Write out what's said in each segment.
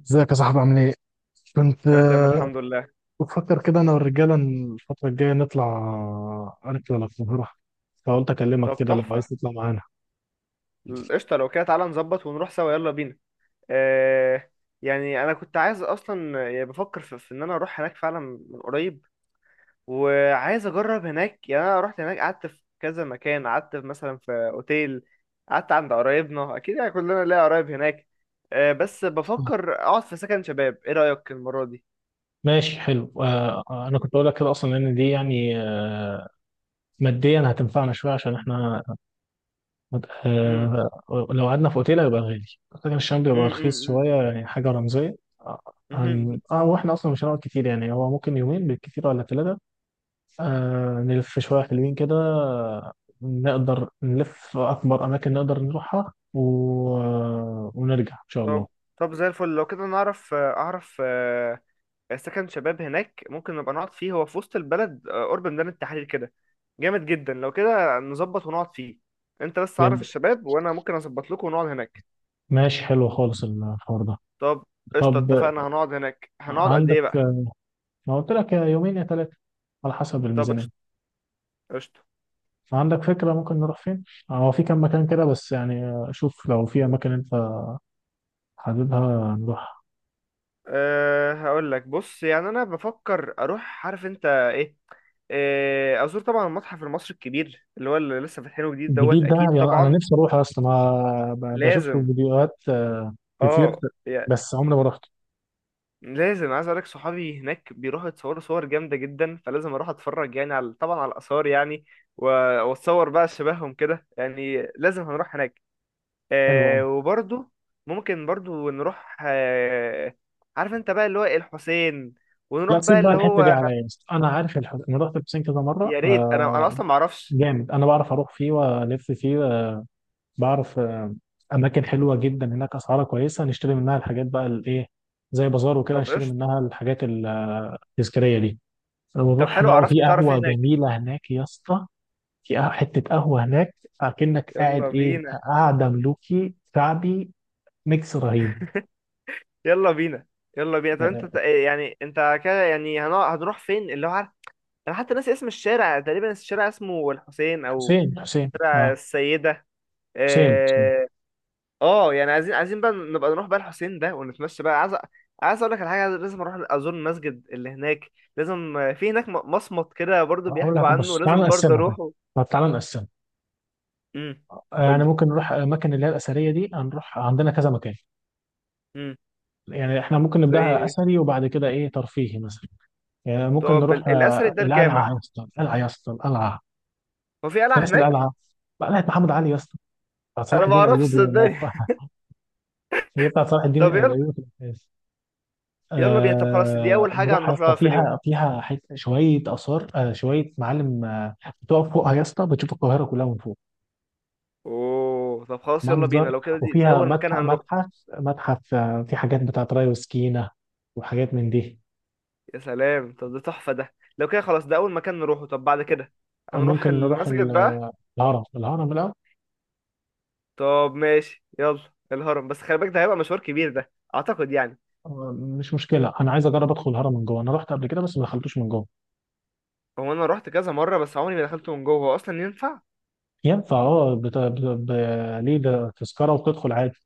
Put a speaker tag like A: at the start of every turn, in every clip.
A: ازيك يا صاحبي عامل ايه؟ كنت
B: انا تمام الحمد لله.
A: بفكر كده انا والرجاله إن الفتره الجايه نطلع رحله للقاهره. فقلت اكلمك
B: طب
A: كده لو عايز
B: تحفه.
A: تطلع معانا.
B: قشطه، لو كده تعالى نظبط ونروح سوا، يلا بينا. آه، يعني انا كنت عايز اصلا، يعني بفكر في ان انا اروح هناك فعلا، من قريب. وعايز اجرب هناك، يعني انا رحت هناك قعدت في كذا مكان، قعدت في مثلا في اوتيل، قعدت عند قرايبنا، اكيد يعني كلنا ليا قرايب هناك. آه بس بفكر اقعد في سكن شباب، ايه رايك المره دي؟
A: ماشي حلو. انا كنت اقول لك كده اصلا، لان دي يعني ماديا هتنفعنا شويه عشان احنا.
B: امم.
A: آه لو قعدنا في اوتيل هيبقى غالي، لكن الشام بيبقى رخيص
B: امم.
A: شويه، يعني حاجه رمزيه. آه، هن...
B: امم.
A: اه واحنا اصلا مش هنقعد كتير، يعني هو ممكن يومين بالكتير ولا ثلاثه. نلف شوية حلوين كده، نقدر نلف أكبر أماكن نقدر نروحها و... آه، ونرجع إن شاء الله.
B: طب طب زي الفل، لو كده اعرف سكن شباب هناك ممكن نبقى نقعد فيه، هو في وسط البلد، قرب ميدان التحرير كده. جامد جدا، لو كده نظبط ونقعد فيه. انت بس عرف
A: جميل.
B: الشباب وانا ممكن اظبط لكم ونقعد هناك.
A: ماشي حلو خالص الحوار ده.
B: طب قشطه،
A: طب،
B: اتفقنا هنقعد هناك، هنقعد قد
A: عندك،
B: ايه بقى؟
A: ما قلت لك يا يومين يا ثلاثة، على حسب
B: طب قشطه
A: الميزانية.
B: قشطه.
A: عندك فكرة ممكن نروح فين؟ هو في كام مكان كده، بس يعني شوف لو في أماكن أنت حاببها نروح.
B: هقول لك، بص يعني انا بفكر اروح، عارف انت ايه، ازور طبعا المتحف المصري الكبير اللي هو اللي لسه فاتحينه جديد دوت،
A: الجديد ده
B: اكيد
A: يعني أنا
B: طبعا.
A: نفسي أروح أصلا، ما بشوف له
B: لازم
A: فيديوهات
B: اه
A: كتير بس عمري ما رحت.
B: لازم عايز اقولك صحابي هناك بيروحوا يتصوروا صور جامده جدا، فلازم اروح اتفرج يعني، على طبعا على الاثار يعني، و- واتصور بقى شبههم كده، يعني لازم هنروح هناك.
A: حلو أوي.
B: وبرضو ممكن برضو نروح، عارف انت بقى اللي هو الحسين، ونروح
A: لا،
B: بقى
A: سيب بقى
B: اللي
A: الحته دي
B: هو...
A: عليا يا اسطى. انا عارف انا رحت البسين كذا مره.
B: يا ريت، انا اصلا ما اعرفش.
A: جامد، انا بعرف اروح فيه والف فيه. بعرف. اماكن حلوه جدا هناك، اسعارها كويسه، نشتري منها الحاجات بقى الايه، زي بازار وكده
B: طب
A: نشتري
B: قشطه.
A: منها الحاجات التذكاريه دي،
B: طب
A: ونروح
B: حلو،
A: نقعد في
B: عرفني تعرف ايه
A: قهوه
B: هناك.
A: جميله هناك يا اسطى. في حته قهوه هناك، اكنك قاعد
B: يلا
A: ايه،
B: بينا،
A: قاعده ملوكي شعبي، ميكس رهيب.
B: يلا بينا، يلا بينا. طب انت
A: آه،
B: يعني انت كده يعني هنروح فين اللي هو، عارف، انا حتى ناسي اسم الشارع تقريبا، الشارع اسمه الحسين او
A: حسين حسين،
B: شارع
A: اه،
B: السيده.
A: حسين حسين.
B: اه. يعني عايزين بقى نبقى نروح بقى الحسين ده ونتمشى بقى، عايز عايز اقول لك على حاجه، لازم اروح ازور المسجد اللي هناك، لازم في هناك مصمت كده برضو
A: اقول لك،
B: بيحكوا عنه،
A: بص، تعالى
B: لازم برضو
A: نقسمها بقى.
B: اروحه.
A: طب تعالى نقسمها.
B: امم. قول
A: يعني
B: لي.
A: ممكن نروح الاماكن اللي هي الاثريه دي، هنروح عندنا كذا مكان.
B: امم.
A: يعني احنا ممكن
B: زي
A: نبداها
B: ايه؟
A: اثري وبعد كده ايه ترفيهي مثلا. يعني ممكن
B: طب
A: نروح
B: الاثري ده
A: القلعه
B: الجامع؟
A: يا اسطى، القلعه يا اسطى، القلعه.
B: هو في
A: انت
B: قلعه
A: ناسي
B: هناك.
A: القلعه؟ قلعه محمد علي يا اسطى، بتاعت صلاح
B: انا ما
A: الدين
B: اعرفش،
A: الايوبي
B: صدقني
A: موقعها. هي بتاعت صلاح الدين
B: طب يلا.
A: الايوبي في الاساس.
B: يلا بينا، طب خلاص دي اول حاجه
A: نروح يا
B: هنروح
A: اسطى،
B: لها في اليوم.
A: فيها شويه اثار، شويه معالم. بتقف فوقها يا اسطى، بتشوف القاهره كلها من فوق.
B: اوه طب خلاص، يلا
A: منظر.
B: بينا لو كده دي
A: وفيها
B: اول مكان
A: متحف،
B: هنروح.
A: متحف، متحف. في حاجات بتاعت ري وسكينة، وحاجات من دي.
B: يا سلام، طب ده تحفة، ده لو كده خلاص ده أول مكان نروحه. طب بعد كده هنروح
A: ممكن نروح
B: المسجد بقى.
A: الهرم. الهرم، لا.
B: طب ماشي يلا. الهرم بس خلي بالك، ده هيبقى مشوار كبير ده، أعتقد يعني.
A: آه، مش مشكلة، أنا عايز أجرب أدخل الهرم من جوه، أنا رحت قبل كده بس ما دخلتوش من جوه.
B: هو أنا روحت كذا مرة بس عمري ما دخلته من جوه، هو أصلا ينفع؟
A: ينفع، أه. ليه، ده تذكرة وتدخل عادي.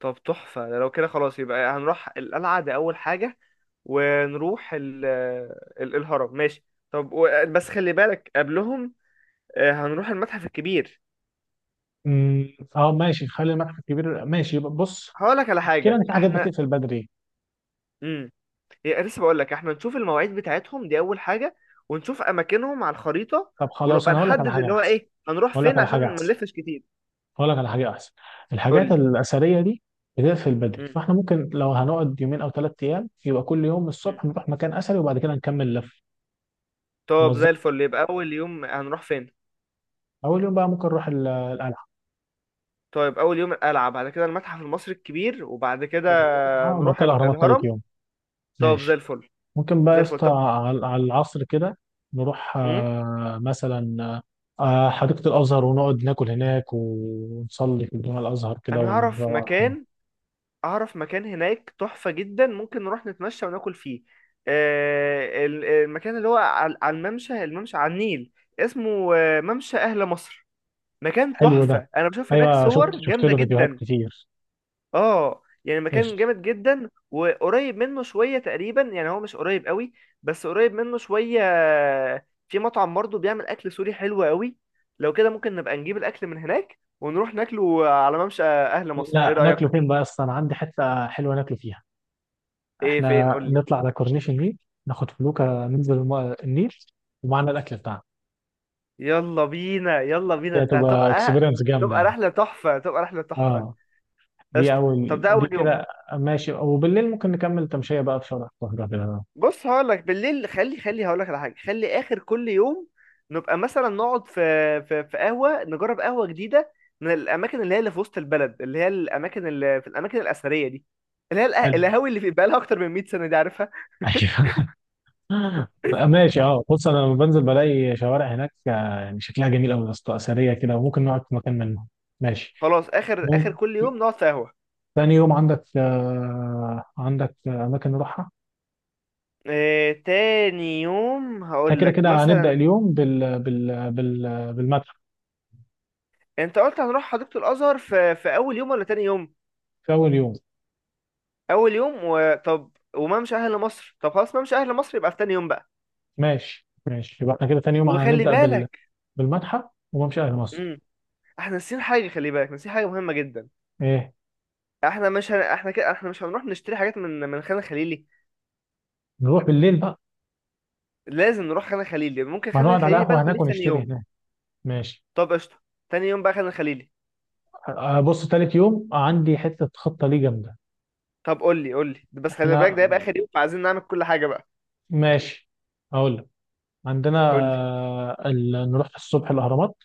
B: طب تحفة، ده لو كده خلاص يبقى هنروح القلعة دي أول حاجة ونروح ال... الهرم ماشي. طب بس خلي بالك قبلهم، هنروح المتحف الكبير.
A: أه ماشي، خلي المتحف الكبير ماشي. بص،
B: هقولك على
A: المشكلة إن
B: حاجة،
A: في حاجات
B: احنا
A: بتقفل بدري.
B: مم. هي لسه بقول لك، احنا نشوف المواعيد بتاعتهم دي اول حاجه، ونشوف اماكنهم على الخريطه،
A: طب خلاص
B: ونبقى
A: أنا هقول لك على
B: نحدد
A: حاجة
B: اللي هو
A: أحسن.
B: ايه هنروح
A: هقول لك
B: فين
A: على حاجة
B: عشان ما
A: أحسن.
B: نلفش كتير.
A: هقول لك على حاجه احسن.
B: قول
A: الحاجات
B: لي.
A: الاثريه دي بتقفل بدري،
B: مم.
A: فاحنا ممكن لو هنقعد يومين او ثلاث ايام يبقى كل يوم
B: مم.
A: الصبح نروح مكان اثري وبعد كده نكمل لف.
B: طب
A: نوزع.
B: زي الفل، يبقى اول يوم هنروح فين؟
A: اول يوم بقى ممكن نروح القلعه.
B: طيب اول يوم القلعه، بعد كده المتحف المصري الكبير، وبعد كده
A: ثاني يوم، وبعد
B: نروح
A: كده الاهرامات ثالث
B: الهرم.
A: يوم.
B: طب زي
A: ماشي.
B: الفل.
A: ممكن بقى يا
B: زي الفل
A: اسطى
B: طب.
A: على العصر كده نروح
B: مم.
A: مثلا حديقه الازهر، ونقعد ناكل هناك ونصلي في الجامع الازهر كده،
B: انا اعرف
A: ونروح.
B: مكان، اعرف مكان هناك تحفة جدا، ممكن نروح نتمشى وناكل فيه. المكان اللي هو على الممشى على النيل، اسمه ممشى اهل مصر. مكان
A: حلو ده.
B: تحفة، انا بشوف هناك
A: ايوه، شفت
B: صور
A: شفت
B: جامدة
A: له فيديوهات
B: جدا.
A: كتير.
B: اه يعني مكان جامد جدا، وقريب منه شوية تقريبا، يعني هو مش قريب قوي، بس قريب منه شوية. في مطعم برضه بيعمل اكل سوري حلو قوي، لو كده ممكن نبقى نجيب الاكل من هناك ونروح ناكله على ممشى اهل مصر، ايه
A: لا،
B: رأيك؟
A: ناكله فين بقى؟ اصلا انا عندي حته حلوه ناكله فيها.
B: ايه فين؟
A: احنا
B: قول لي.
A: نطلع على كورنيش النيل، ناخد فلوكه ننزل النيل ومعنا الاكل بتاعنا.
B: يلا بينا، يلا بينا،
A: دي
B: ده
A: هتبقى
B: هتبقى،
A: اكسبيرينس جامده
B: تبقى
A: يعني.
B: رحلة تحفة، تبقى رحلة تحفة.
A: اه، دي
B: قشطة. طب
A: اول،
B: ده
A: دي
B: أول يوم.
A: كده. ماشي. وبالليل ممكن نكمل تمشيه بقى في شارع القاهره كده.
B: بص هقول لك بالليل، خلي خلي، هقول لك على حاجة، خلي آخر كل يوم نبقى مثلا نقعد في قهوة، نجرب قهوة جديدة من الأماكن اللي هي اللي في وسط البلد، اللي هي الأماكن اللي في الأماكن الأثرية دي، اللي هي
A: حلو.
B: القهاوي اللي في بقالها أكتر من 100 سنة دي، عارفها؟
A: ايوه. ماشي، اه، بص، انا لما بنزل بلاقي شوارع هناك يعني شكلها جميل قوي يا اسطى، اثريه كده، وممكن نقعد في مكان منهم. ماشي.
B: خلاص آخر آخر
A: ممكن.
B: كل يوم نقعد في قهوة.
A: تاني يوم، عندك اماكن نروحها.
B: تاني يوم
A: احنا
B: هقول
A: كده
B: لك
A: كده هنبدأ
B: مثلا.
A: اليوم بالمتحف.
B: انت قلت هنروح حديقة الازهر في اول يوم ولا تاني يوم؟
A: في أول يوم.
B: اول يوم. وطب، وما مش اهل مصر، طب خلاص ما مش اهل مصر يبقى في تاني يوم بقى.
A: ماشي. ماشي، يبقى احنا كده تاني يوم
B: وخلي
A: هنبدأ
B: بالك.
A: بالمتحف وممشى أهل مصر.
B: امم. احنا ناسيين حاجه، خلي بالك ناسيين حاجه مهمه جدا.
A: إيه؟
B: احنا كده احنا مش هنروح نشتري حاجات من خان الخليلي.
A: نروح بالليل بقى.
B: لازم نروح خان الخليلي، ممكن
A: ما
B: خان
A: نقعد على
B: الخليلي بقى
A: قهوة
B: نخليه
A: هناك
B: في تاني
A: ونشتري
B: يوم.
A: هناك. ماشي.
B: طب قشطه، تاني يوم بقى خان الخليلي.
A: أه، بص، تالت يوم عندي حتة خطة ليه جامدة.
B: طب قول لي، قول لي بس خلي بالك
A: احنا.
B: ده هيبقى اخر يوم، فعايزين نعمل كل حاجه بقى.
A: ماشي، أقول لك. عندنا
B: قول لي.
A: نروح الصبح الأهرامات.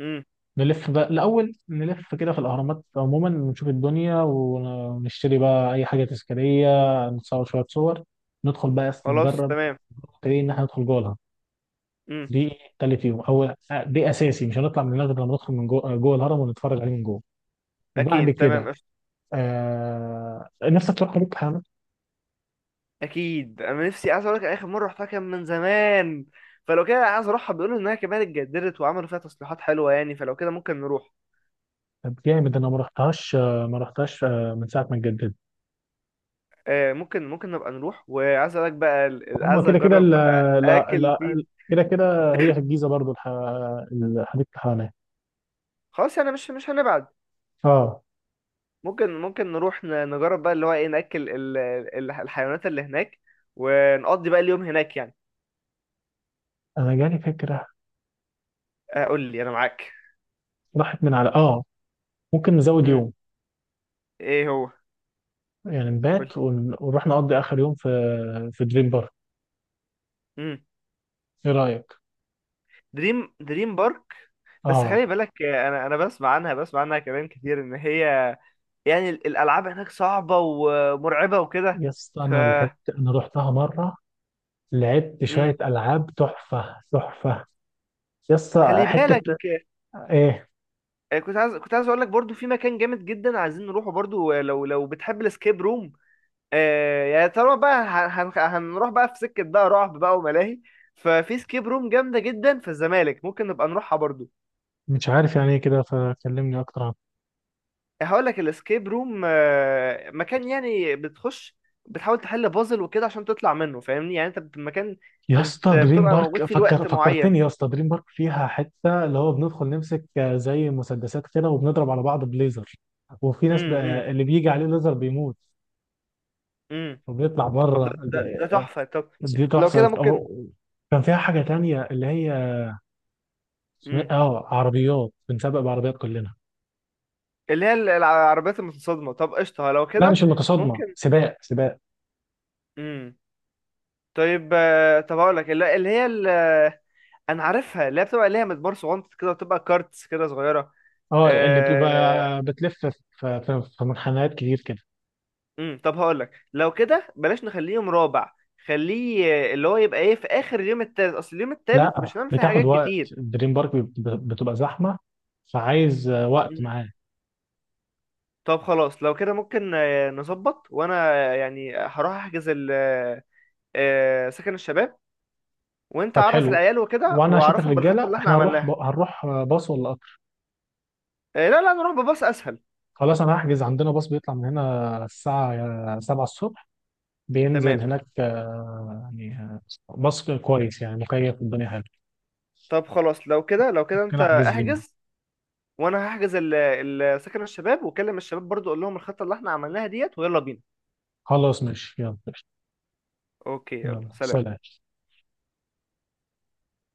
B: امم.
A: نلف بقى الأول، نلف كده في الأهرامات عموما، نشوف الدنيا ونشتري بقى أي حاجة تذكارية. نتصور شوية صور. ندخل بقى أصلا
B: خلاص
A: نجرب.
B: تمام.
A: نبتدي إن إحنا ندخل جوه الهرم.
B: امم.
A: دي تالت يوم، أو دي أساسي، مش هنطلع من هناك غير لما ندخل من جوه الهرم ونتفرج عليه من جوه. وبعد
B: اكيد تمام.
A: كده نفسك تروح حديقة الحيوانات؟
B: اكيد انا نفسي، عايز اقول لك اخر مره رحتها كان من زمان، فلو كده عايز اروحها، بيقولوا انها كمان اتجددت وعملوا فيها تصليحات حلوه يعني، فلو كده ممكن نروح.
A: طب جامد، أنا ما رحتهاش من ساعة ما اتجددت.
B: ممكن نبقى نروح، وعايز اقول لك بقى
A: هما
B: عايز
A: كده كده
B: اجرب
A: لا،
B: اكل
A: لا،
B: فين.
A: كده كده هي في الجيزة برضو. حديقة الحيوانات.
B: خلاص يعني مش هنبعد.
A: اه.
B: ممكن نروح نجرب بقى اللي هو ايه، ناكل الحيوانات اللي هناك، ونقضي بقى اليوم هناك يعني.
A: انا جالي فكره.
B: قول لي انا معاك.
A: راحت من على. اه ممكن نزود
B: امم.
A: يوم.
B: ايه هو؟
A: يعني
B: قول
A: نبات ونروح نقضي اخر يوم في دريم بارك.
B: لي.
A: ايه رايك؟
B: دريم بارك؟ بس
A: اه،
B: خلي بالك، انا بسمع عنها كلام كتير ان هي، يعني الالعاب هناك صعبه ومرعبه وكده،
A: يا اسطى
B: ف...
A: انا لعبت، انا رحتها مره، لعبت
B: امم.
A: شويه العاب، تحفه تحفه يا اسطى.
B: خلي بالك،
A: حته ايه؟
B: كنت عايز اقول لك برضو في مكان جامد جدا عايزين نروحه برضو، لو بتحب الاسكيب روم. يعني طالما بقى هنروح بقى في سكه بقى رعب بقى وملاهي، ففي سكيب روم جامده جدا في الزمالك، ممكن نبقى نروحها برضو.
A: مش عارف يعني ايه كده، فكلمني اكتر عنها.
B: هقول لك الاسكيب روم، مكان يعني بتخش بتحاول تحل بازل وكده عشان تطلع منه، فاهمني يعني، انت مكان
A: يا اسطى، دريم
B: بتبقى موجود
A: بارك
B: فيه لوقت
A: فكرتني،
B: معين.
A: يا اسطى، دريم بارك فيها حته اللي هو بندخل نمسك زي مسدسات كده وبنضرب على بعض بليزر، وفي ناس
B: امم. امم.
A: بقى اللي بيجي عليه ليزر بيموت
B: امم.
A: وبيطلع
B: طب ده
A: بره.
B: ده ده تحفة. طب
A: دي
B: لو كده
A: تحفه.
B: ممكن.
A: أو كان فيها حاجه تانية اللي هي إيه؟
B: امم.
A: اه، عربيات بنسابق بعربيات كلنا.
B: اللي هي العربيات المتصادمة، طب قشطة، لو
A: لا، مش
B: كده
A: المتصادمه،
B: ممكن.
A: سباق سباق.
B: امم. طيب، طب هقول لك، اللي هي انا عارفها اللي هي بتبقى ليها مدبر صغنط كده، وتبقى كارتس كده صغيرة.
A: اه، اللي بتبقى
B: آه،
A: بتلف في منحنيات كتير كده.
B: امم. طب هقول لك لو كده بلاش، نخليه يوم رابع، خليه اللي هو يبقى ايه في اخر اليوم التالت، اصل اليوم التالت
A: لا،
B: مش هنعمل فيه
A: بتاخد
B: حاجات
A: وقت،
B: كتير.
A: دريم بارك بتبقى زحمه، فعايز وقت
B: امم.
A: معاه.
B: طب خلاص لو كده ممكن نظبط، وانا يعني هروح احجز ال سكن الشباب، وانت
A: طب
B: عرف
A: حلو.
B: العيال وكده
A: وانا هشوف
B: واعرفهم بالخطة
A: الرجاله.
B: اللي احنا
A: احنا هنروح
B: عملناها.
A: هنروح باص ولا قطر؟
B: لا لا، نروح بباص اسهل.
A: خلاص، انا هحجز عندنا باص بيطلع من هنا الساعه 7 الصبح، بينزل
B: تمام.
A: هناك، يعني بس كويس يعني، مكيف، الدنيا حلوه.
B: طب خلاص لو كده
A: ممكن
B: انت
A: احجز لينا.
B: احجز وانا هحجز سكن الشباب، وكلم الشباب برضو اقول لهم الخطة اللي احنا عملناها ديت، ويلا بينا.
A: خلاص ماشي، يلا.
B: اوكي يلا
A: يلا
B: سلام.
A: سلام.